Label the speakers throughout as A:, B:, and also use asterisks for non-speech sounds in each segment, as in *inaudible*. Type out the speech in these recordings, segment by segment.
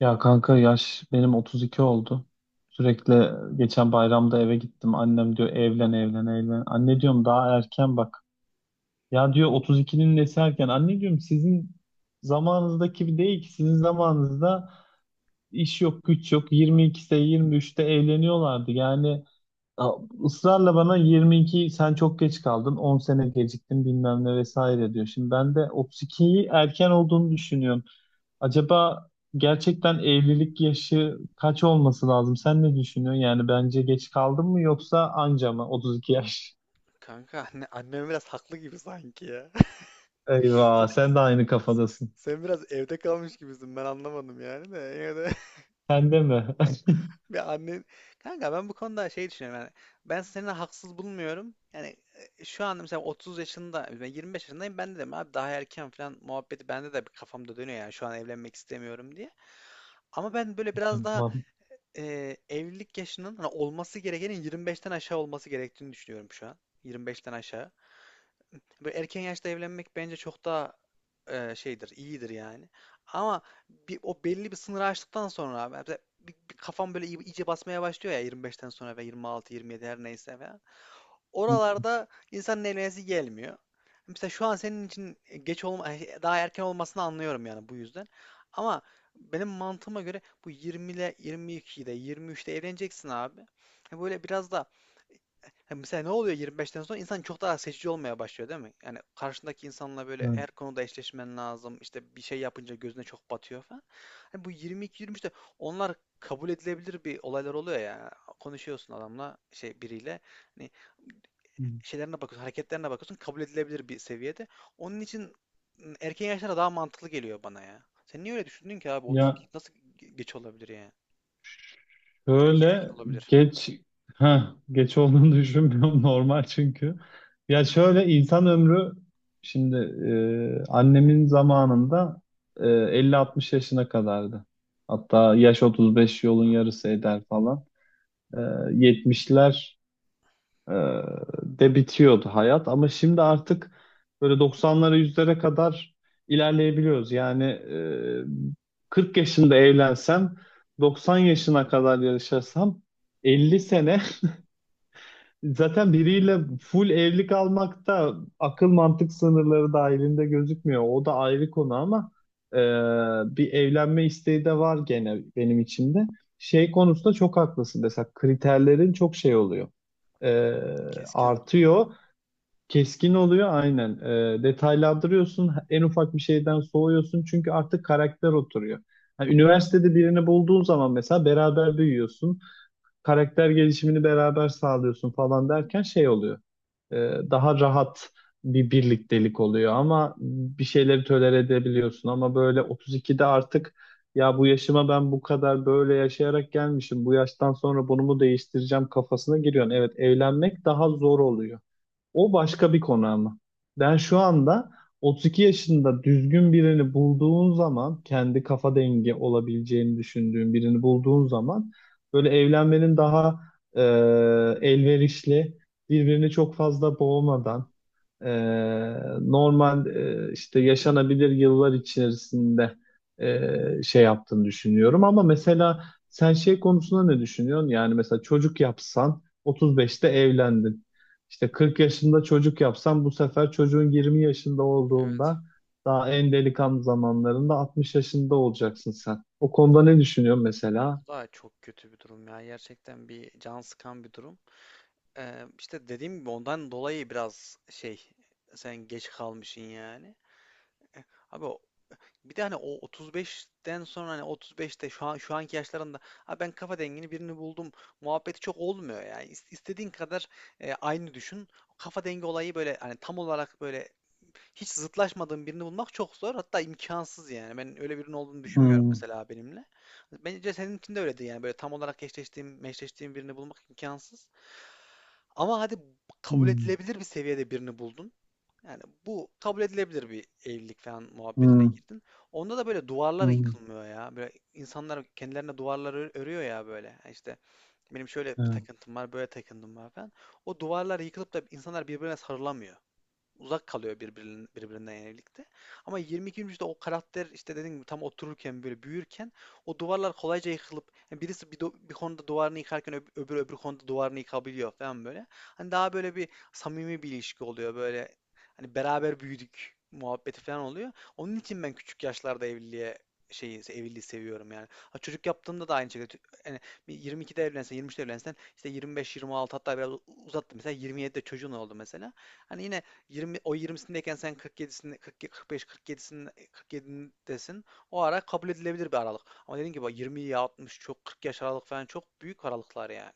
A: Ya kanka yaş benim 32 oldu. Sürekli geçen bayramda eve gittim. Annem diyor evlen, evlen, evlen. Anne diyorum daha erken bak. Ya diyor 32'nin nesi erken? Anne diyorum sizin zamanınızdaki bir değil ki. Sizin zamanınızda iş yok, güç yok. 22'de, 23'te evleniyorlardı. Yani a- ısrarla bana 22 sen çok geç kaldın, 10 sene geciktin bilmem ne vesaire diyor. Şimdi ben de 32'yi erken olduğunu düşünüyorum. Acaba gerçekten evlilik yaşı kaç olması lazım? Sen ne düşünüyorsun? Yani bence geç kaldım mı yoksa anca mı? 32 yaş.
B: Kanka anne, annem biraz haklı gibi sanki ya. *laughs* Sen,
A: Eyvah, sen de aynı kafadasın.
B: sen biraz evde kalmış gibisin. Ben anlamadım yani de. Yine de
A: Sen de mi?
B: *laughs* bir annen. Kanka ben bu konuda şey düşünüyorum yani. Ben seni haksız bulmuyorum. Yani şu anda mesela 30 yaşında, ben 25 yaşındayım. Ben de dedim abi daha erken falan muhabbeti bende de bir kafamda dönüyor yani şu an evlenmek istemiyorum diye. Ama ben böyle
A: *laughs*
B: biraz daha
A: Tamam.
B: evlilik yaşının hani olması gerekenin 25'ten aşağı olması gerektiğini düşünüyorum şu an. 25'ten aşağı. Böyle erken yaşta evlenmek bence çok daha şeydir, iyidir yani. Ama bir, o belli bir sınırı aştıktan sonra abi, mesela bir kafam böyle iyice basmaya başlıyor ya 25'ten sonra ve 26, 27 her neyse falan. Oralarda insanın evlenesi gelmiyor. Mesela şu an senin için geç olma, daha erken olmasını anlıyorum yani bu yüzden. Ama benim mantığıma göre bu 20'le, 22'de, 23'te evleneceksin abi. Böyle biraz da. Ha, mesela ne oluyor 25'ten sonra? İnsan çok daha seçici olmaya başlıyor değil mi? Yani karşındaki insanla böyle
A: Hı.
B: her konuda eşleşmen lazım. İşte bir şey yapınca gözüne çok batıyor falan. Hani bu 22-23'te onlar kabul edilebilir bir olaylar oluyor ya. Konuşuyorsun adamla şey biriyle. Hani şeylerine bakıyorsun, hareketlerine bakıyorsun. Kabul edilebilir bir seviyede. Onun için erken yaşlara daha mantıklı geliyor bana ya. Sen niye öyle düşündün ki abi? 30
A: Ya
B: nasıl geç olabilir yani? Erken
A: şöyle
B: olabilir.
A: geç ha geç olduğunu *laughs* düşünmüyorum, normal çünkü. Ya şöyle insan ömrü şimdi, annemin zamanında, 50-60 yaşına kadardı. Hatta yaş 35, yolun yarısı eder falan. e, 70'ler e, de bitiyordu hayat ama şimdi artık böyle 90'lara, yüzlere kadar ilerleyebiliyoruz. Yani 40 yaşında evlensem, 90 yaşına kadar yaşasam, 50 sene *laughs* zaten biriyle full evlilik almak da akıl mantık sınırları dahilinde gözükmüyor. O da ayrı konu ama e, bir evlenme isteği de var gene benim içimde. Şey konusunda çok haklısın. Mesela kriterlerin çok şey oluyor, e,
B: Keskin oluyor.
A: artıyor. Keskin oluyor, aynen. Detaylandırıyorsun. En ufak bir şeyden soğuyorsun. Çünkü artık karakter oturuyor. Yani üniversitede birini bulduğun zaman mesela beraber büyüyorsun. Karakter gelişimini beraber sağlıyorsun falan derken şey oluyor, e, daha rahat bir birliktelik oluyor, ama bir şeyleri tolere edebiliyorsun. Ama böyle 32'de artık, ya bu yaşıma ben bu kadar böyle yaşayarak gelmişim, bu yaştan sonra bunu mu değiştireceğim kafasına giriyorsun. Evet, evlenmek daha zor oluyor. O başka bir konu ama. Ben şu anda 32 yaşında düzgün birini bulduğun zaman, kendi kafa dengi olabileceğini düşündüğün birini bulduğun zaman, böyle evlenmenin daha e, elverişli, birbirini çok fazla boğmadan, e, normal işte yaşanabilir yıllar içerisinde şey yaptığını düşünüyorum. Ama mesela sen şey konusunda ne düşünüyorsun? Yani mesela çocuk yapsan 35'te evlendin. İşte 40 yaşında çocuk yapsan bu sefer çocuğun 20 yaşında olduğunda, daha en delikanlı zamanlarında, 60 yaşında olacaksın sen. O konuda ne düşünüyorsun mesela?
B: Bu da çok kötü bir durum ya. Gerçekten bir can sıkan bir durum. İşte dediğim gibi ondan dolayı biraz şey, sen geç kalmışsın yani. Eh, Abi bir de hani o 35'ten sonra hani 35'te şu an şu anki yaşlarında, abi ben kafa dengini birini buldum muhabbeti çok olmuyor yani. İstediğin kadar aynı düşün. Kafa dengi olayı böyle hani tam olarak böyle hiç zıtlaşmadığım birini bulmak çok zor. Hatta imkansız yani. Ben öyle birinin olduğunu düşünmüyorum
A: Hmm,
B: mesela benimle. Bence senin için de öyledir yani. Böyle tam olarak eşleştiğim, meşleştiğim birini bulmak imkansız. Ama hadi kabul
A: hmm,
B: edilebilir bir seviyede birini buldun. Yani bu kabul edilebilir bir evlilik falan muhabbetine
A: hmm,
B: girdin. Onda da böyle duvarlar
A: hmm.
B: yıkılmıyor ya. Böyle insanlar kendilerine duvarlar örüyor ya böyle. Yani İşte benim şöyle bir
A: Evet.
B: takıntım var, böyle takıntım var falan. O duvarlar yıkılıp da insanlar birbirine sarılamıyor, uzak kalıyor birbirinin, birbirinden evlilikte. Ama 22. yüzyılda o karakter işte dediğim gibi tam otururken böyle büyürken o duvarlar kolayca yıkılıp, yani birisi bir, bir konuda duvarını yıkarken öbürü öbür konuda duvarını yıkabiliyor falan böyle. Hani daha böyle bir samimi bir ilişki oluyor böyle, hani beraber büyüdük muhabbeti falan oluyor. Onun için ben küçük yaşlarda evliliğe şeyi, evliliği seviyorum yani. Ha, çocuk yaptığımda da aynı şekilde, yani bir 22'de evlensen, 23'te evlensen işte 25-26, hatta biraz uzattım mesela 27'de çocuğun oldu mesela. Hani yine 20, o 20'sindeyken sen 47'sinde, 40, 45, 47'sinde, 47'desin. O ara kabul edilebilir bir aralık. Ama dediğim gibi 20 ya 60 çok, 40 yaş aralık falan çok büyük aralıklar yani.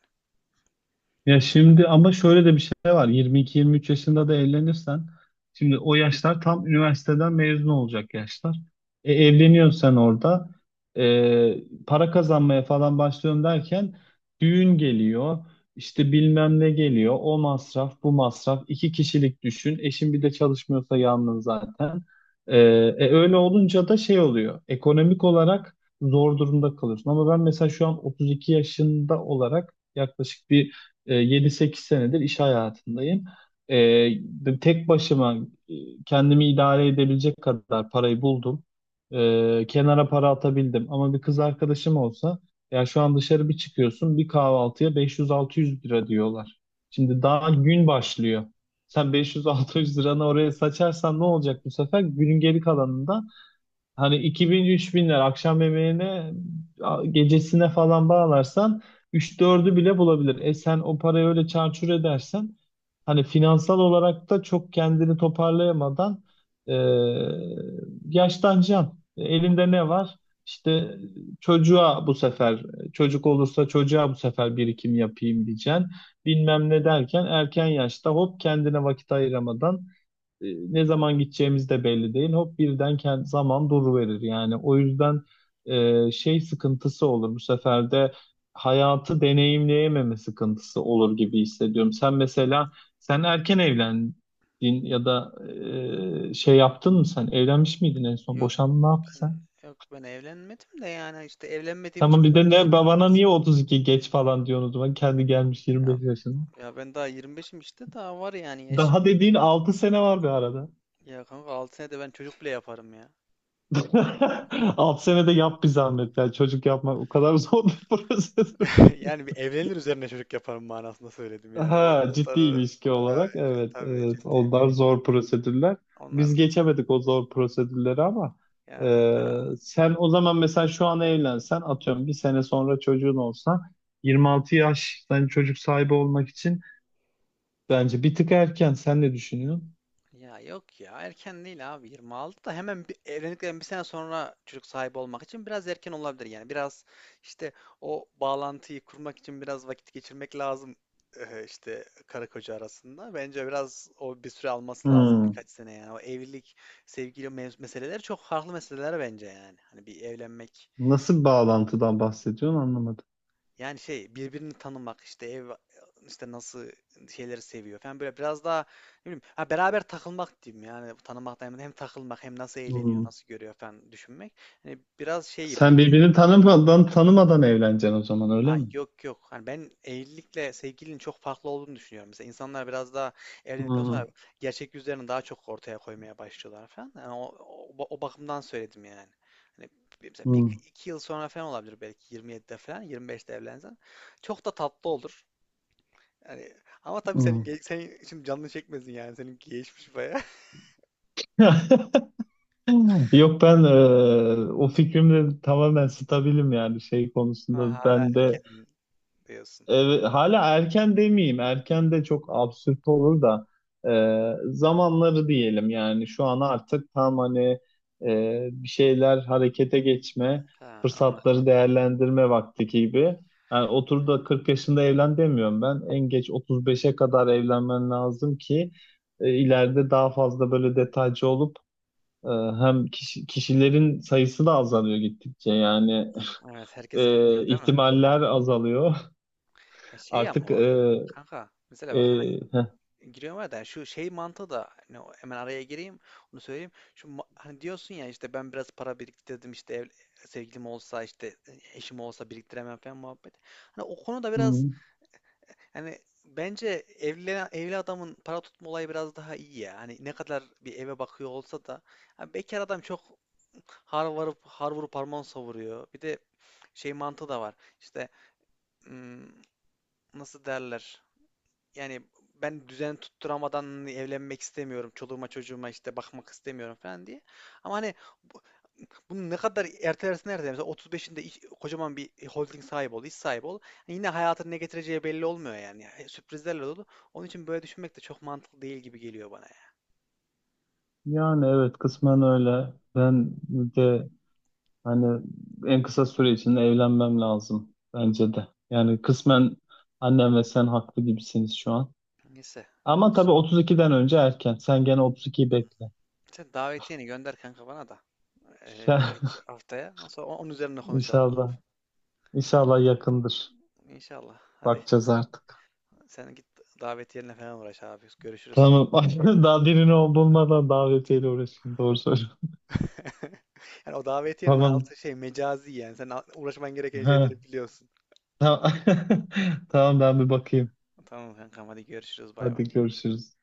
A: Ya şimdi ama şöyle de bir şey var. 22-23 yaşında da evlenirsen, şimdi o yaşlar tam üniversiteden mezun olacak yaşlar. Evleniyorsun sen orada. Para kazanmaya falan başlıyorum derken düğün geliyor. İşte bilmem ne geliyor. O masraf, bu masraf. İki kişilik düşün. Eşin bir de çalışmıyorsa yalnız zaten. Öyle olunca da şey oluyor. Ekonomik olarak zor durumda kalıyorsun. Ama ben mesela şu an 32 yaşında olarak yaklaşık bir 7-8 senedir iş hayatındayım. E, tek başıma, e, kendimi idare edebilecek kadar parayı buldum. Kenara para atabildim. Ama bir kız arkadaşım olsa, ya şu an dışarı bir çıkıyorsun, bir kahvaltıya 500-600 lira diyorlar. Şimdi daha gün başlıyor. Sen 500-600 liranı oraya saçarsan ne olacak bu sefer? Günün geri kalanında, hani 2000-3000'ler akşam yemeğine, gecesine falan bağlarsan, üç dördü bile bulabilir. E sen o parayı öyle çarçur edersen, hani finansal olarak da çok kendini toparlayamadan e, yaşlanacaksın. Elinde ne var? İşte çocuğa bu sefer, çocuk olursa çocuğa bu sefer birikim yapayım diyeceksin. Bilmem ne derken erken yaşta, hop kendine vakit ayıramadan e, ne zaman gideceğimiz de belli değil. Hop birden zaman duruverir yani. O yüzden şey sıkıntısı olur bu sefer de, hayatı deneyimleyememe sıkıntısı olur gibi hissediyorum. Sen mesela, sen erken evlendin ya da şey yaptın mı sen? Evlenmiş miydin en son?
B: Yok
A: Boşandın, ne yaptın
B: ben
A: sen?
B: yok ben evlenmedim de, yani işte evlenmediğim
A: Tamam,
B: için
A: bir
B: böyle
A: de ne
B: düşünüyorum
A: babana niye
B: aslında.
A: 32 geç falan diyorsun o zaman,
B: Ya,
A: kendi gelmiş
B: ya,
A: 25 yaşına?
B: ya ben daha 25'im işte, daha var yani yaş.
A: Daha dediğin 6 sene var bir arada.
B: Ya kanka 6 senede ben çocuk bile yaparım ya.
A: *laughs* Alt senede yap bir zahmet. Yani çocuk yapmak o kadar zor bir *laughs* prosedür.
B: *laughs* Yani bir evlenir üzerine çocuk yaparım manasında söyledim yani.
A: Ha, ciddi ilişki
B: Ha,
A: olarak evet
B: tabii
A: evet,
B: ciddi
A: onlar
B: bir iş.
A: zor prosedürler.
B: Onlar,
A: Biz geçemedik o zor prosedürleri ama
B: ya.
A: sen o zaman mesela şu an evlensen, atıyorum bir sene sonra çocuğun olsa, 26 yaş yani çocuk sahibi olmak için bence bir tık erken. Sen ne düşünüyorsun?
B: Ya yok ya erken değil abi, 26 da hemen bir, evlendikten bir sene sonra çocuk sahibi olmak için biraz erken olabilir yani, biraz işte o bağlantıyı kurmak için biraz vakit geçirmek lazım. İşte karı koca arasında bence biraz o bir süre alması lazım,
A: Hmm.
B: birkaç sene yani o evlilik. Sevgili meseleleri çok farklı meseleler bence, yani hani bir evlenmek
A: Nasıl bir bağlantıdan bahsediyorsun, anlamadım.
B: yani şey, birbirini tanımak işte ev, işte nasıl şeyleri seviyor falan, böyle biraz daha ne bileyim, ha, beraber takılmak diyeyim yani, tanımak da hem, hem takılmak, hem nasıl eğleniyor,
A: Hmm.
B: nasıl görüyor falan düşünmek. Hani biraz şey
A: Sen
B: bence,
A: birbirini tanımadan tanımadan evleneceksin o zaman,
B: ha
A: öyle mi?
B: yok yok, hani ben evlilikle sevgilinin çok farklı olduğunu düşünüyorum. Mesela insanlar biraz daha evlendikten sonra
A: Hmm,
B: gerçek yüzlerini daha çok ortaya koymaya başlıyorlar falan. Yani o bakımdan söyledim yani. Hani mesela bir,
A: hmm,
B: iki yıl sonra falan olabilir, belki 27'de falan, 25'te evlensen. Çok da tatlı olur. Yani ama tabii senin
A: hmm.
B: senin için canını çekmesin yani. Senin geçmiş baya. *laughs*
A: *laughs* Yok ben, o fikrimle tamamen stabilim yani şey
B: Ha,
A: konusunda
B: hala
A: ben de.
B: erken diyorsun.
A: Evet, hala erken demeyeyim. Erken de çok absürt olur da zamanları diyelim, yani şu an artık tam hani bir şeyler harekete geçme,
B: Ha, anladım.
A: fırsatları değerlendirme vakti gibi. Yani otur da 40 yaşında evlen demiyorum ben. En geç 35'e kadar evlenmen lazım ki ileride daha fazla böyle detaycı olup, e, hem kişilerin sayısı da azalıyor gittikçe yani
B: Evet, herkes evleniyor değil mi?
A: ihtimaller azalıyor.
B: E
A: *laughs*
B: şey ama
A: Artık e,
B: kanka mesela
A: e,
B: bak, hemen
A: heh,
B: giriyorum arada, yani şu şey mantığı da hani hemen araya gireyim, onu söyleyeyim. Şu hani diyorsun ya, işte ben biraz para biriktirdim işte ev, sevgilim olsa işte eşim olsa biriktiremem falan muhabbet. Hani o konuda biraz.
A: hmm.
B: Hani bence evli adamın para tutma olayı biraz daha iyi ya. Hani ne kadar bir eve bakıyor olsa da hani bekar adam çok har varıp har vurup harman savuruyor. Bir de şey mantığı da var. İşte, hmm, nasıl derler, yani ben düzen tutturamadan hani evlenmek istemiyorum. Çoluğuma çocuğuma işte bakmak istemiyorum falan diye. Ama hani bu- bunu ne kadar ertelersin, nerede? Mesela 35'inde kocaman bir holding sahibi ol, iş sahibi ol. Yine hayatın ne getireceği belli olmuyor yani. Yani sürprizlerle dolu. Onun için böyle düşünmek de çok mantıklı değil gibi geliyor bana yani.
A: Yani evet, kısmen öyle. Ben de hani en kısa süre içinde evlenmem lazım bence de. Yani kısmen annem ve sen haklı gibisiniz şu an.
B: Neyse.
A: Ama tabii 32'den önce erken. Sen gene 32'yi bekle.
B: Sen davetiyeni gönder kanka, bana da
A: Sen
B: birkaç haftaya. Ondan sonra onun üzerine
A: *laughs*
B: konuşalım abi.
A: inşallah, inşallah yakındır.
B: İnşallah. Hadi
A: Bakacağız artık.
B: sen git davetiyenle falan uğraş abi. Görüşürüz sonra.
A: Tamam. *laughs* Daha birinin olduğundan davetiyle uğraşayım. Doğru söylüyorsun.
B: *laughs* Yani o davetiyenin
A: Tamam.
B: altı şey, mecazi yani. Sen uğraşman gereken
A: Ha,
B: şeyleri biliyorsun.
A: tamam. *laughs* Tamam, ben bir bakayım.
B: Tamam kankam, hadi görüşürüz, bay bay.
A: Hadi görüşürüz.